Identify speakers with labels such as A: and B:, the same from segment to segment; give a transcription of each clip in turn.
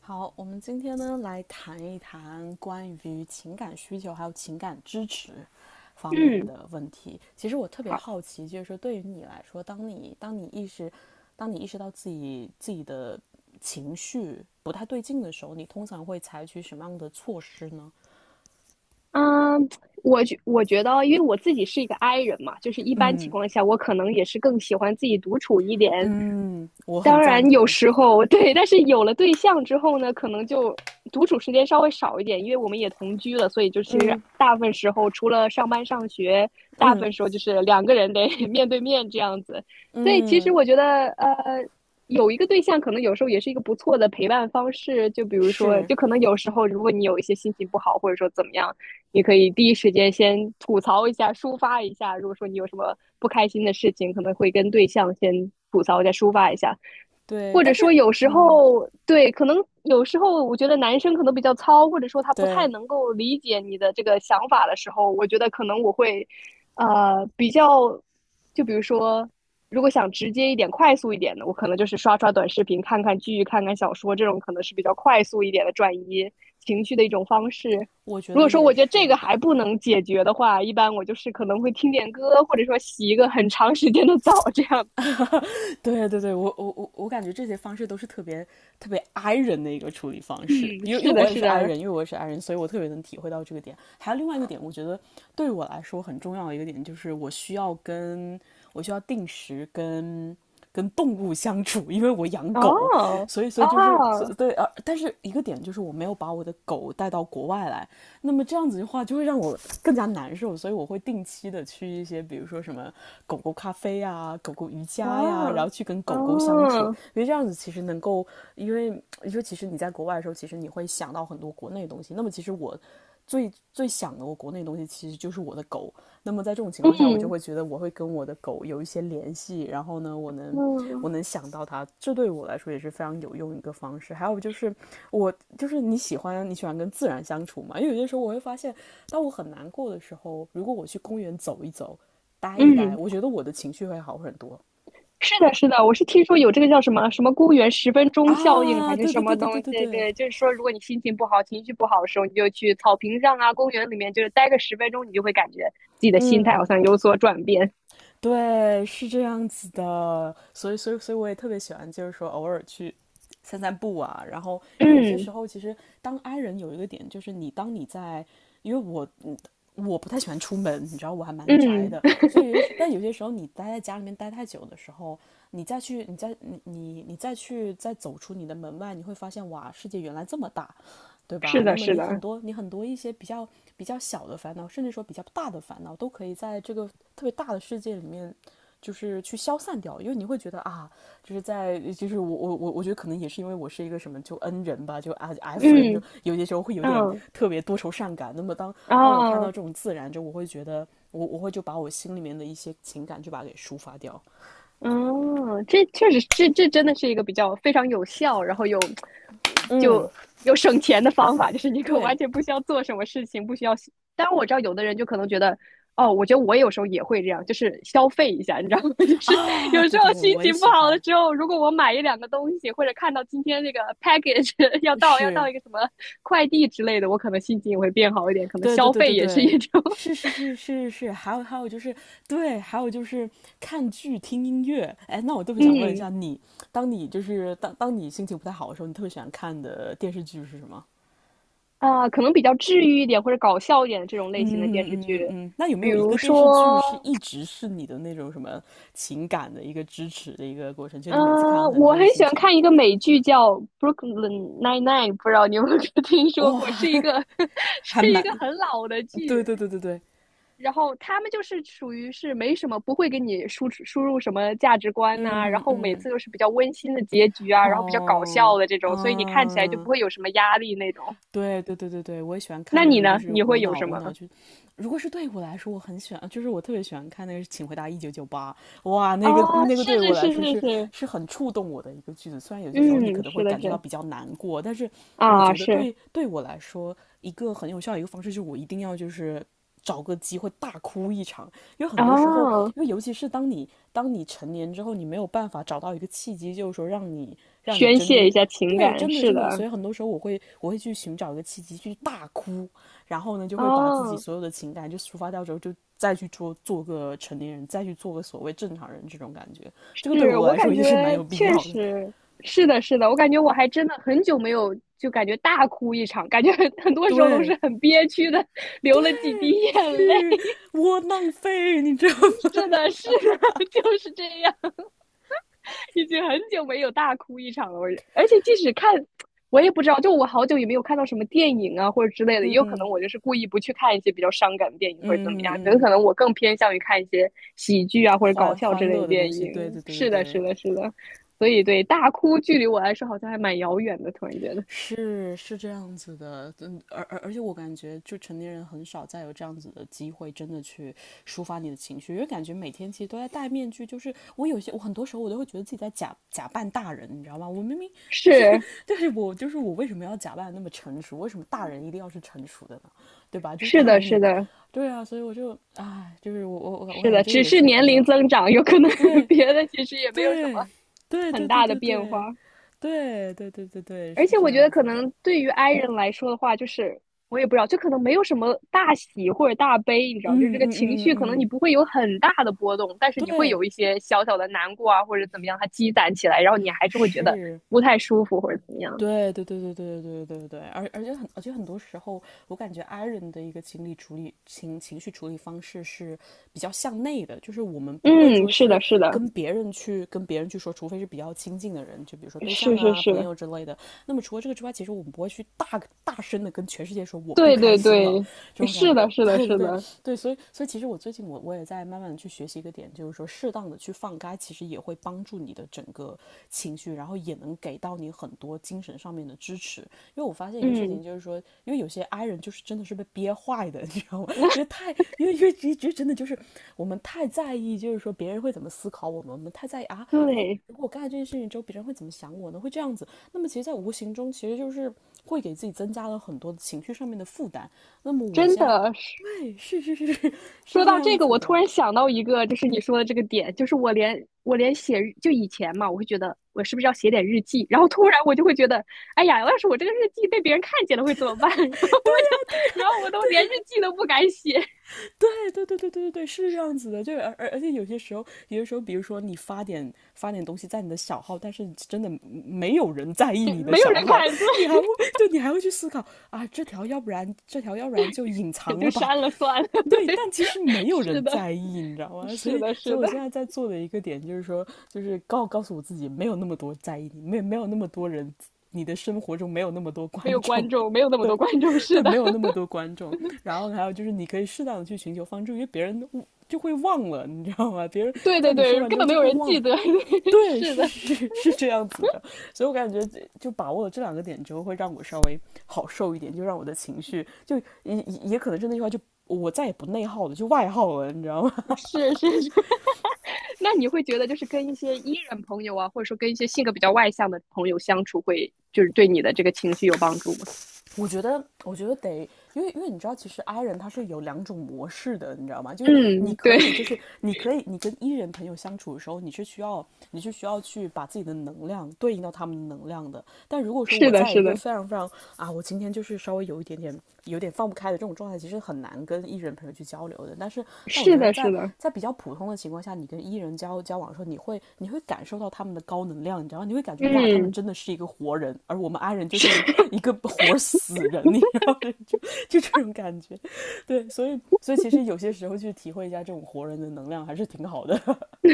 A: 好，我们今天呢来谈一谈关于情感需求还有情感支持方面
B: 嗯，
A: 的问题。其实我特别
B: 好，
A: 好奇，就是说对于你来说，当你意识到自己的情绪不太对劲的时候，你通常会采取什么样的措施呢？
B: 嗯，我觉得，因为我自己是一个 I 人嘛，就是一般情
A: 嗯
B: 况下，我可能也是更喜欢自己独处一点，
A: 嗯，我很
B: 当
A: 赞
B: 然有
A: 同。
B: 时候 对，但是有了对象之后呢，可能就独处时间稍微少一点，因为我们也同居了，所以就其实大部分时候除了上班上学，大部
A: 嗯
B: 分时候就是两个人得 面对面这样子。所以其实
A: 嗯，
B: 我觉得，有一个对象可能有时候也是一个不错的陪伴方式。就比如说，
A: 是。
B: 就可能有时候如果你有一些心情不好，或者说怎么样，你可以第一时间先吐槽一下，抒发一下。如果说你有什么不开心的事情，可能会跟对象先吐槽一下，抒发一下。
A: 对，
B: 或
A: 但
B: 者
A: 是
B: 说有时
A: 嗯，
B: 候对，可能有时候我觉得男生可能比较糙，或者说他不太
A: 对，
B: 能够理解你的这个想法的时候，我觉得可能我会，呃，比较，就比如说，如果想直接一点、快速一点的，我可能就是刷刷短视频、看看剧、看看小说，这种可能是比较快速一点的转移情绪的一种方式。
A: 我觉
B: 如
A: 得
B: 果说
A: 也
B: 我觉得这个
A: 是。
B: 还不能解决的话，一般我就是可能会听点歌，或者说洗一个很长时间的澡，这样。
A: 对对对，我感觉这些方式都是特别特别 i 人的一个处理方式，
B: 嗯，
A: 因为因
B: 是
A: 为
B: 的，
A: 我也
B: 是
A: 是 i
B: 的。
A: 人，所以我特别能体会到这个点。还有另外一个点，我觉得对我来说很重要的一个点就是我需要定时跟动物相处，因为我养狗，
B: 哦
A: 所以所以就是所
B: 哦，
A: 对啊，但是一个点就是我没有把我的狗带到国外来，那么这样子的话就会让我更加难受，所以我会定期的去一些，比如说什么狗狗咖啡呀、狗狗瑜
B: 哇
A: 伽呀、然后去跟
B: 哦，
A: 狗狗相处，
B: 哦
A: 因为这样子其实能够，因为你说其实你在国外的时候，其实你会想到很多国内的东西，那么其实最想的我国内的东西，其实就是我的狗，那么在这种情况下，我就
B: 嗯
A: 会觉得我会跟我的狗有一些联系，然后呢，我能我
B: 嗯
A: 能想到它，这对我来说也是非常有用一个方式。还有就是你喜欢跟自然相处嘛，因为有些时候我会发现，当我很难过的时候，如果我去公园走一走，待一待，
B: 嗯，
A: 我觉得我的情绪会好很多。
B: 是的，是的，我是听说有这个叫什么什么公园十分钟效应还
A: 啊，
B: 是
A: 对
B: 什
A: 对
B: 么
A: 对对
B: 东
A: 对对
B: 西？
A: 对，
B: 对，就是说，如果你心情不好、情绪不好的时候，你就去草坪上啊、公园里面，就是待个十分钟，你就会感觉自己的心态
A: 嗯。
B: 好像有所转变。
A: 对，是这样子的，所以我也特别喜欢，就是说偶尔去散散步啊。然后，因为有些
B: 嗯
A: 时候，其实当 I 人有一个点，就是你当你在，因为我不太喜欢出门，你知道我还蛮宅
B: 嗯，
A: 的，所 以就是，但有些时候你待在家里面待太久的时候，你再去，你再你你你再去再走出你的门外，你会发现哇，世界原来这么大。对
B: 是
A: 吧？那
B: 的，
A: 么
B: 是
A: 你很
B: 的，
A: 多你很多一些比较小的烦恼，甚至说比较大的烦恼，都可以在这个特别大的世界里面，就是去消散掉。因为你会觉得啊，就是在就是我觉得可能也是因为我是一个什么就 N 人吧，就 F 人，就
B: 嗯
A: 有些时候会有点
B: 嗯
A: 特别多愁善感。那么当我
B: 啊。
A: 看到
B: 哦
A: 这种自然，就我会觉得我会就把我心里面的一些情感就把它给抒发掉。
B: 嗯，这确实，这真的是一个比较非常有效，然后
A: 嗯，
B: 就又省钱的方法，就是你可
A: 对
B: 完全不需要做什么事情，不需要。当然，我知道有的人就可能觉得，哦，我觉得我有时候也会这样，就是消费一下，你知道吗？就是
A: 啊，
B: 有时
A: 对对
B: 候
A: 对，
B: 心
A: 我也
B: 情不
A: 喜
B: 好的
A: 欢，
B: 时候，如果我买一两个东西，或者看到今天这个 package 要到
A: 是。
B: 一个什么快递之类的，我可能心情也会变好一点，可能
A: 对对
B: 消
A: 对
B: 费
A: 对
B: 也是
A: 对，
B: 一种，
A: 是是是是是，还有就是看剧听音乐。哎，那我特 别想问一
B: 嗯
A: 下你，当你就是当当你心情不太好的时候，你特别喜欢看的电视剧是什么？
B: 啊，可能比较治愈一点或者搞笑一点的这种类
A: 嗯
B: 型的电
A: 嗯
B: 视
A: 嗯
B: 剧，
A: 嗯，那有没
B: 比
A: 有一
B: 如
A: 个电视剧
B: 说，
A: 是一直是你的那种什么情感的一个支持的一个过程？就
B: 嗯、
A: 你每次看到它，你
B: 我
A: 就会
B: 很喜
A: 心
B: 欢
A: 情
B: 看一个美剧叫《Brooklyn Nine-Nine》，不知道你有没有 听说
A: 哇。
B: 过？是一个
A: 还
B: 是一
A: 蛮。
B: 个很老的
A: 对
B: 剧，
A: 对对对对，
B: 然后他们就是属于是没什么，不会给你输出输入什么价值观
A: 嗯
B: 呐、然
A: 嗯
B: 后每
A: 嗯，
B: 次都是比较温馨的结局啊，然后比较搞笑
A: 哦，
B: 的这种，所以你看起来就不
A: 嗯，
B: 会有什么压力那种。
A: 对对对对对，我也喜欢
B: 那
A: 看这
B: 你
A: 种就
B: 呢？
A: 是
B: 你会
A: 无
B: 有
A: 脑
B: 什
A: 无脑
B: 么？
A: 就。如果是对我来说，我很喜欢，就是我特别喜欢看那个是《请回答1988》，哇，
B: 啊，
A: 那个对
B: 是
A: 我
B: 是
A: 来
B: 是
A: 说
B: 是
A: 是
B: 是，
A: 是很触动我的一个句子。虽然有些时候你可
B: 嗯，
A: 能会
B: 是的
A: 感觉到
B: 是。
A: 比较难过，但是我
B: 啊，
A: 觉得
B: 是
A: 对我来说，一个很有效的一个方式就是我一定要就是找个机会大哭一场，因为很多时候，
B: 啊，
A: 因为尤其是当你成年之后，你没有办法找到一个契机，就是说让你
B: 宣
A: 真
B: 泄一
A: 真。
B: 下情
A: 对，
B: 感，
A: 真的
B: 是
A: 真的，所
B: 的，
A: 以很多时候我会去寻找一个契机去大哭，然后呢就会把自己
B: 哦，
A: 所有的情感就抒发掉之后，就再去做个成年人，再去做个所谓正常人这种感觉，这个对
B: 是
A: 我
B: 我
A: 来说
B: 感
A: 也是蛮
B: 觉
A: 有必
B: 确
A: 要的。
B: 实是的，是的，我感觉我还真的很久没有就感觉大哭一场，感觉很多时候都
A: 对，
B: 是很憋屈的，流了几滴眼泪。
A: 去窝囊废，你知道 吗？
B: 是的，是的，就是这样。已经很久没有大哭一场了。我而且即使看，我也不知道，就我好久也没有看到什么电影啊或者之类的，也
A: 嗯
B: 有可能
A: 嗯
B: 我就是故意不去看一些比较伤感的电影或者怎么样，可
A: 嗯
B: 能
A: 嗯，
B: 可能我更偏向于看一些喜剧啊或者搞
A: 欢
B: 笑之
A: 欢
B: 类的
A: 乐的东
B: 电
A: 西，对对
B: 影。
A: 对对
B: 是的，是
A: 对。
B: 的，是的。所以对大哭距离我来说好像还蛮遥远的，突然觉得
A: 是是这样子的，嗯，而且我感觉，就成年人很少再有这样子的机会，真的去抒发你的情绪，因为感觉每天其实都在戴面具，就是我有些，我很多时候我都会觉得自己在假扮大人，你知道吗？我明明就是
B: 是。
A: 就是我就是我为什么要假扮那么成熟？为什么大人一定要是成熟的呢？对吧？就是
B: 是
A: 大
B: 的，
A: 人
B: 是
A: 也，
B: 的，
A: 对啊，所以我就唉，就是我
B: 是
A: 感觉
B: 的，
A: 这个
B: 只
A: 也
B: 是
A: 是比
B: 年龄
A: 较。
B: 增长，有可能
A: 对
B: 别的其实也没有什么
A: 对对
B: 很
A: 对对对
B: 大的
A: 对
B: 变化。
A: 对对对对对，
B: 而
A: 是
B: 且
A: 这
B: 我觉
A: 样
B: 得可
A: 子的。
B: 能对于 i 人来说的话，就是我也不知道，就可能没有什么大喜或者大悲，你知道，就是
A: 嗯
B: 这个
A: 嗯
B: 情
A: 嗯
B: 绪可能
A: 嗯
B: 你
A: 嗯，
B: 不会有很大的波动，但是你会有
A: 对，
B: 一些小小的难过啊，或者怎么样，它积攒起来，然后你还是会觉得
A: 是，
B: 不太舒服或者怎么样。
A: 对对对对对对对对对，而且很多时候，我感觉 i 人的一个情理处理情情绪处理方式是比较向内的，就是我们不会
B: 嗯，
A: 说
B: 是
A: 是
B: 的，是的，
A: 跟别人去说，除非是比较亲近的人，就比如说对象
B: 是是
A: 啊、朋
B: 是，
A: 友之类的。那么除了这个之外，其实我们不会去大声的跟全世界说我不
B: 对
A: 开
B: 对
A: 心了，
B: 对，
A: 这种感
B: 是
A: 觉。
B: 的，是的，
A: 对
B: 是
A: 对
B: 的，
A: 对，所以其实我最近也在慢慢的去学习一个点，就是说适当的去放开，其实也会帮助你的整个情绪，然后也能给到你很多精神上面的支持。因为我发现一个事情，
B: 嗯，
A: 就是说，因为有些爱人就是真的是被憋坏的，你知道吗？因为 太因为因为其实真的就是我们太在意，就是说别人会怎么思考我们，我们太在意啊，
B: 对，
A: 如果我干了这件事情之后，别人会怎么想我呢？会这样子，那么其实，在无形中其实就是会给自己增加了很多情绪上面的负担。那么我
B: 真
A: 现在。
B: 的是。
A: 对，是是是是是
B: 说
A: 这
B: 到
A: 样
B: 这个，
A: 子
B: 我突
A: 的，
B: 然想到一个，就是你说的这个点，就是我连写就以前嘛，我会觉得我是不是要写点日记，然后突然我就会觉得，哎呀，要是我这个日记被别人看见了会怎么办？然后我就，然后我都连日记都不敢写，
A: 对对对对对对对，是这样子的，就而且有些时候，比如说你发点东西在你的小号，但是真的没有人在意 你的
B: 没有
A: 小
B: 人
A: 号，
B: 看，对，
A: 你还会。对，你还会去思考啊，这条要不然就隐
B: 也
A: 藏
B: 就
A: 了吧，
B: 删了算了，
A: 对，
B: 对，
A: 但其实 没有
B: 是
A: 人
B: 的，
A: 在意，你知道吗？所
B: 是
A: 以
B: 的，
A: 所
B: 是
A: 以我
B: 的，
A: 现在在做的一个点就是说，就是告诉我自己，没有那么多在意你，没有那么多人。你的生活中没有那么多观
B: 没有观
A: 众。
B: 众，没有那 么
A: 对，
B: 多观众，是
A: 对，
B: 的，
A: 没有那 么多观众。然后还有就是，你可以适当的去寻求帮助，因为别人就会忘了，你知道吗？别人
B: 对
A: 在
B: 对
A: 你说
B: 对，
A: 完
B: 根
A: 之后
B: 本没
A: 就
B: 有
A: 会
B: 人
A: 忘
B: 记
A: 了。
B: 得，
A: 对，
B: 是
A: 是
B: 的。
A: 是是这样子的。所以我感觉就把握了这两个点之后，会让我稍微好受一点，就让我的情绪就也也也可能是那句话，就我再也不内耗了，就外耗了，你知道吗？
B: 是是是，那你会觉得就是跟一些 E 人朋友啊，或者说跟一些性格比较外向的朋友相处会，就是对你的这个情绪有帮助吗？
A: 我觉得，因为你知道，其实 I 人他是有两种模式的，你知道吗？就是你
B: 嗯，
A: 可
B: 对，
A: 以，就是你可以，你跟 E 人朋友相处的时候，你是需要去把自己的能量对应到他们的能量的。但如果 说
B: 是
A: 我
B: 的，
A: 在一
B: 是
A: 个
B: 的，
A: 非常非常我今天就是稍微有一点点放不开的这种状态，其实很难跟艺人朋友去交流的。但我
B: 是
A: 觉得
B: 的，
A: 在
B: 是的，
A: 比较普通的情况下，你跟艺人交往的时候，你会感受到他们的高能量，你知道吗？你会感觉哇，他们
B: 嗯，
A: 真的是一个活人，而我们 i 人就是
B: 是，
A: 一个活死人，你知道吗？就就这种感觉。对，所以其实有些时候去体会一下这种活人的能量还是挺好的。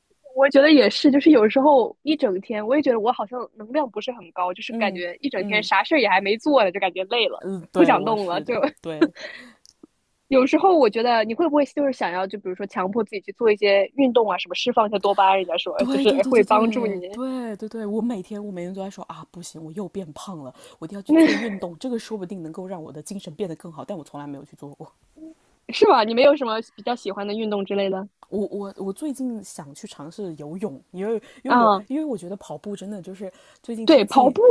B: 我觉得也是，就是有时候一整天，我也觉得我好像能量不是很高，就是感
A: 嗯
B: 觉一整天
A: 嗯
B: 啥事儿也还没做呢，就感觉累了，
A: 嗯，
B: 不
A: 对，
B: 想
A: 我
B: 动了，
A: 是
B: 就
A: 的，对。
B: 有时候我觉得你会不会就是想要，就比如说强迫自己去做一些运动啊，什么释放一下多巴胺，人家说就
A: 对
B: 是
A: 对对
B: 会
A: 对
B: 帮助
A: 对
B: 你。
A: 对对对，我每天都在说啊，不行，我又变胖了，我一定要 去做
B: 那
A: 运动，这个说不定能够让我的精神变得更好，但我从来没有去做过。
B: 是吧？你没有什么比较喜欢的运动之类的？
A: 我最近想去尝试游泳，
B: 嗯，
A: 因为我觉得跑步真的就是最近
B: 对，
A: 天
B: 跑
A: 气，
B: 步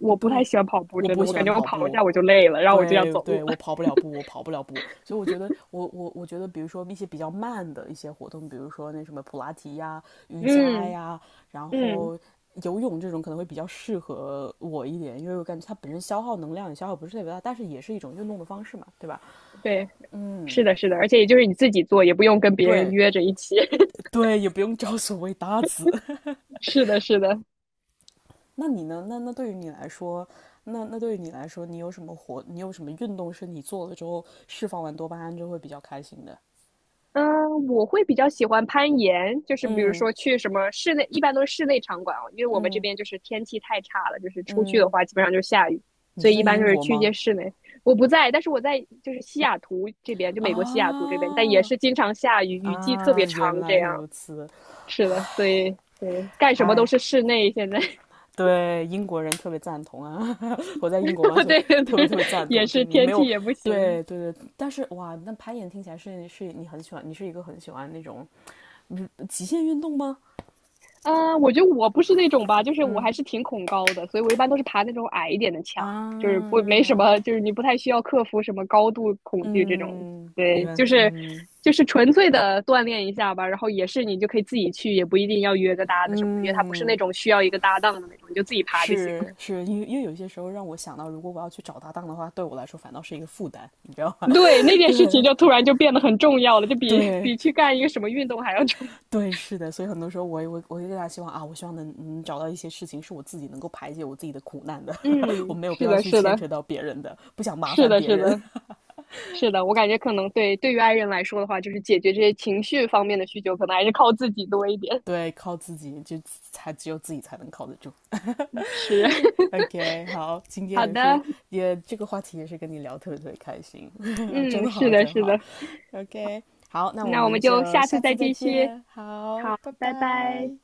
B: 我不太
A: 对，
B: 喜欢跑步，
A: 我
B: 真
A: 不
B: 的，我
A: 喜
B: 感
A: 欢
B: 觉我
A: 跑
B: 跑一
A: 步，
B: 下我就累了，然后我就要
A: 对
B: 走
A: 对，
B: 路了。
A: 我跑不了步，所以我觉得，我觉得，比如说一些比较慢的一些活动，比如说那什么普拉提呀、瑜伽
B: 嗯
A: 呀，然
B: 嗯，
A: 后游泳这种可能会比较适合我一点，因为我感觉它本身消耗能量也消耗不是特别大，但是也是一种运动的方式嘛，对吧？
B: 对，是
A: 嗯，
B: 的，是的，而且也就是你自己做，也不用跟别人
A: 对
B: 约着一起。
A: 对，也不用找所谓搭子。
B: 是的，是的，
A: 那你呢？那对于你来说，你有什么活？你有什么运动是你做了之后释放完多巴胺就会比较开心的？
B: 嗯，我会比较喜欢攀岩，就是比如
A: 嗯
B: 说去什么室内，一般都是室内场馆哦，因为我们这
A: 嗯。
B: 边就是天气太差了，就是出去的
A: 嗯，
B: 话基本上就是下雨，
A: 你
B: 所
A: 是
B: 以一
A: 在
B: 般就
A: 英
B: 是
A: 国
B: 去一
A: 吗？
B: 些室内。我不在，但是我在就是西雅图这边，就美国西雅图这边，但也
A: 啊
B: 是经常下雨，雨季特别
A: 原
B: 长这
A: 来
B: 样。
A: 如此。
B: 是的，所以对，干什么都
A: 哎，
B: 是室内现在，
A: 对，英国人特别赞同啊，我在英国嘛，所以
B: 对对，
A: 特别特别赞
B: 也
A: 同。就
B: 是
A: 你
B: 天
A: 没
B: 气
A: 有，
B: 也不行。
A: 对对对，但是哇，那攀岩听起来是你很喜欢，你是一个很喜欢那种，嗯，极限运动吗？
B: 嗯，我觉得我不是那种吧，就是我还
A: 嗯
B: 是挺恐高的，所以我一般都是爬那种矮一点的墙，就是不没什
A: 啊，
B: 么，就是你不太需要克服什么高度恐惧这种。
A: 嗯，
B: 对，
A: 原
B: 就是
A: 嗯
B: 就是纯粹的锻炼一下吧，然后也是你就可以自己去，也不一定要约个搭子什么的，因为它不是那
A: 嗯。
B: 种需要一个搭档的那种，你就自己爬就行了。
A: 是是，因为因为有些时候让我想到，如果我要去找搭档的话，对我来说反倒是一个负担，你知道吗？
B: 对，那 件事情
A: 对
B: 就突然就变得很重要了，就比
A: 对
B: 比去干一个什么运动还要重要
A: 对，是的，所以很多时候我就更加希望啊，我希望能找到一些事情是我自己能够排解我自己的苦难的，我
B: 嗯，
A: 没有必
B: 是
A: 要
B: 的，
A: 去
B: 是
A: 牵
B: 的，
A: 扯到别人的，不想麻
B: 是
A: 烦
B: 的，
A: 别
B: 是
A: 人，
B: 的。是的，我感觉可能对于爱人来说的话，就是解决这些情绪方面的需求，可能还是靠自己多一点。
A: 对，靠自己就才只有自己才能靠得住。
B: 是，
A: OK，好，今
B: 好
A: 天也是
B: 的，
A: 也这个话题也是跟你聊特别特别开心，
B: 嗯，
A: 真
B: 是
A: 好
B: 的，
A: 真
B: 是
A: 好。
B: 的，
A: OK，好，那我
B: 那我
A: 们
B: 们就
A: 就
B: 下
A: 下
B: 次再
A: 次再
B: 继续。
A: 见，好，
B: 好，
A: 拜
B: 拜拜。
A: 拜。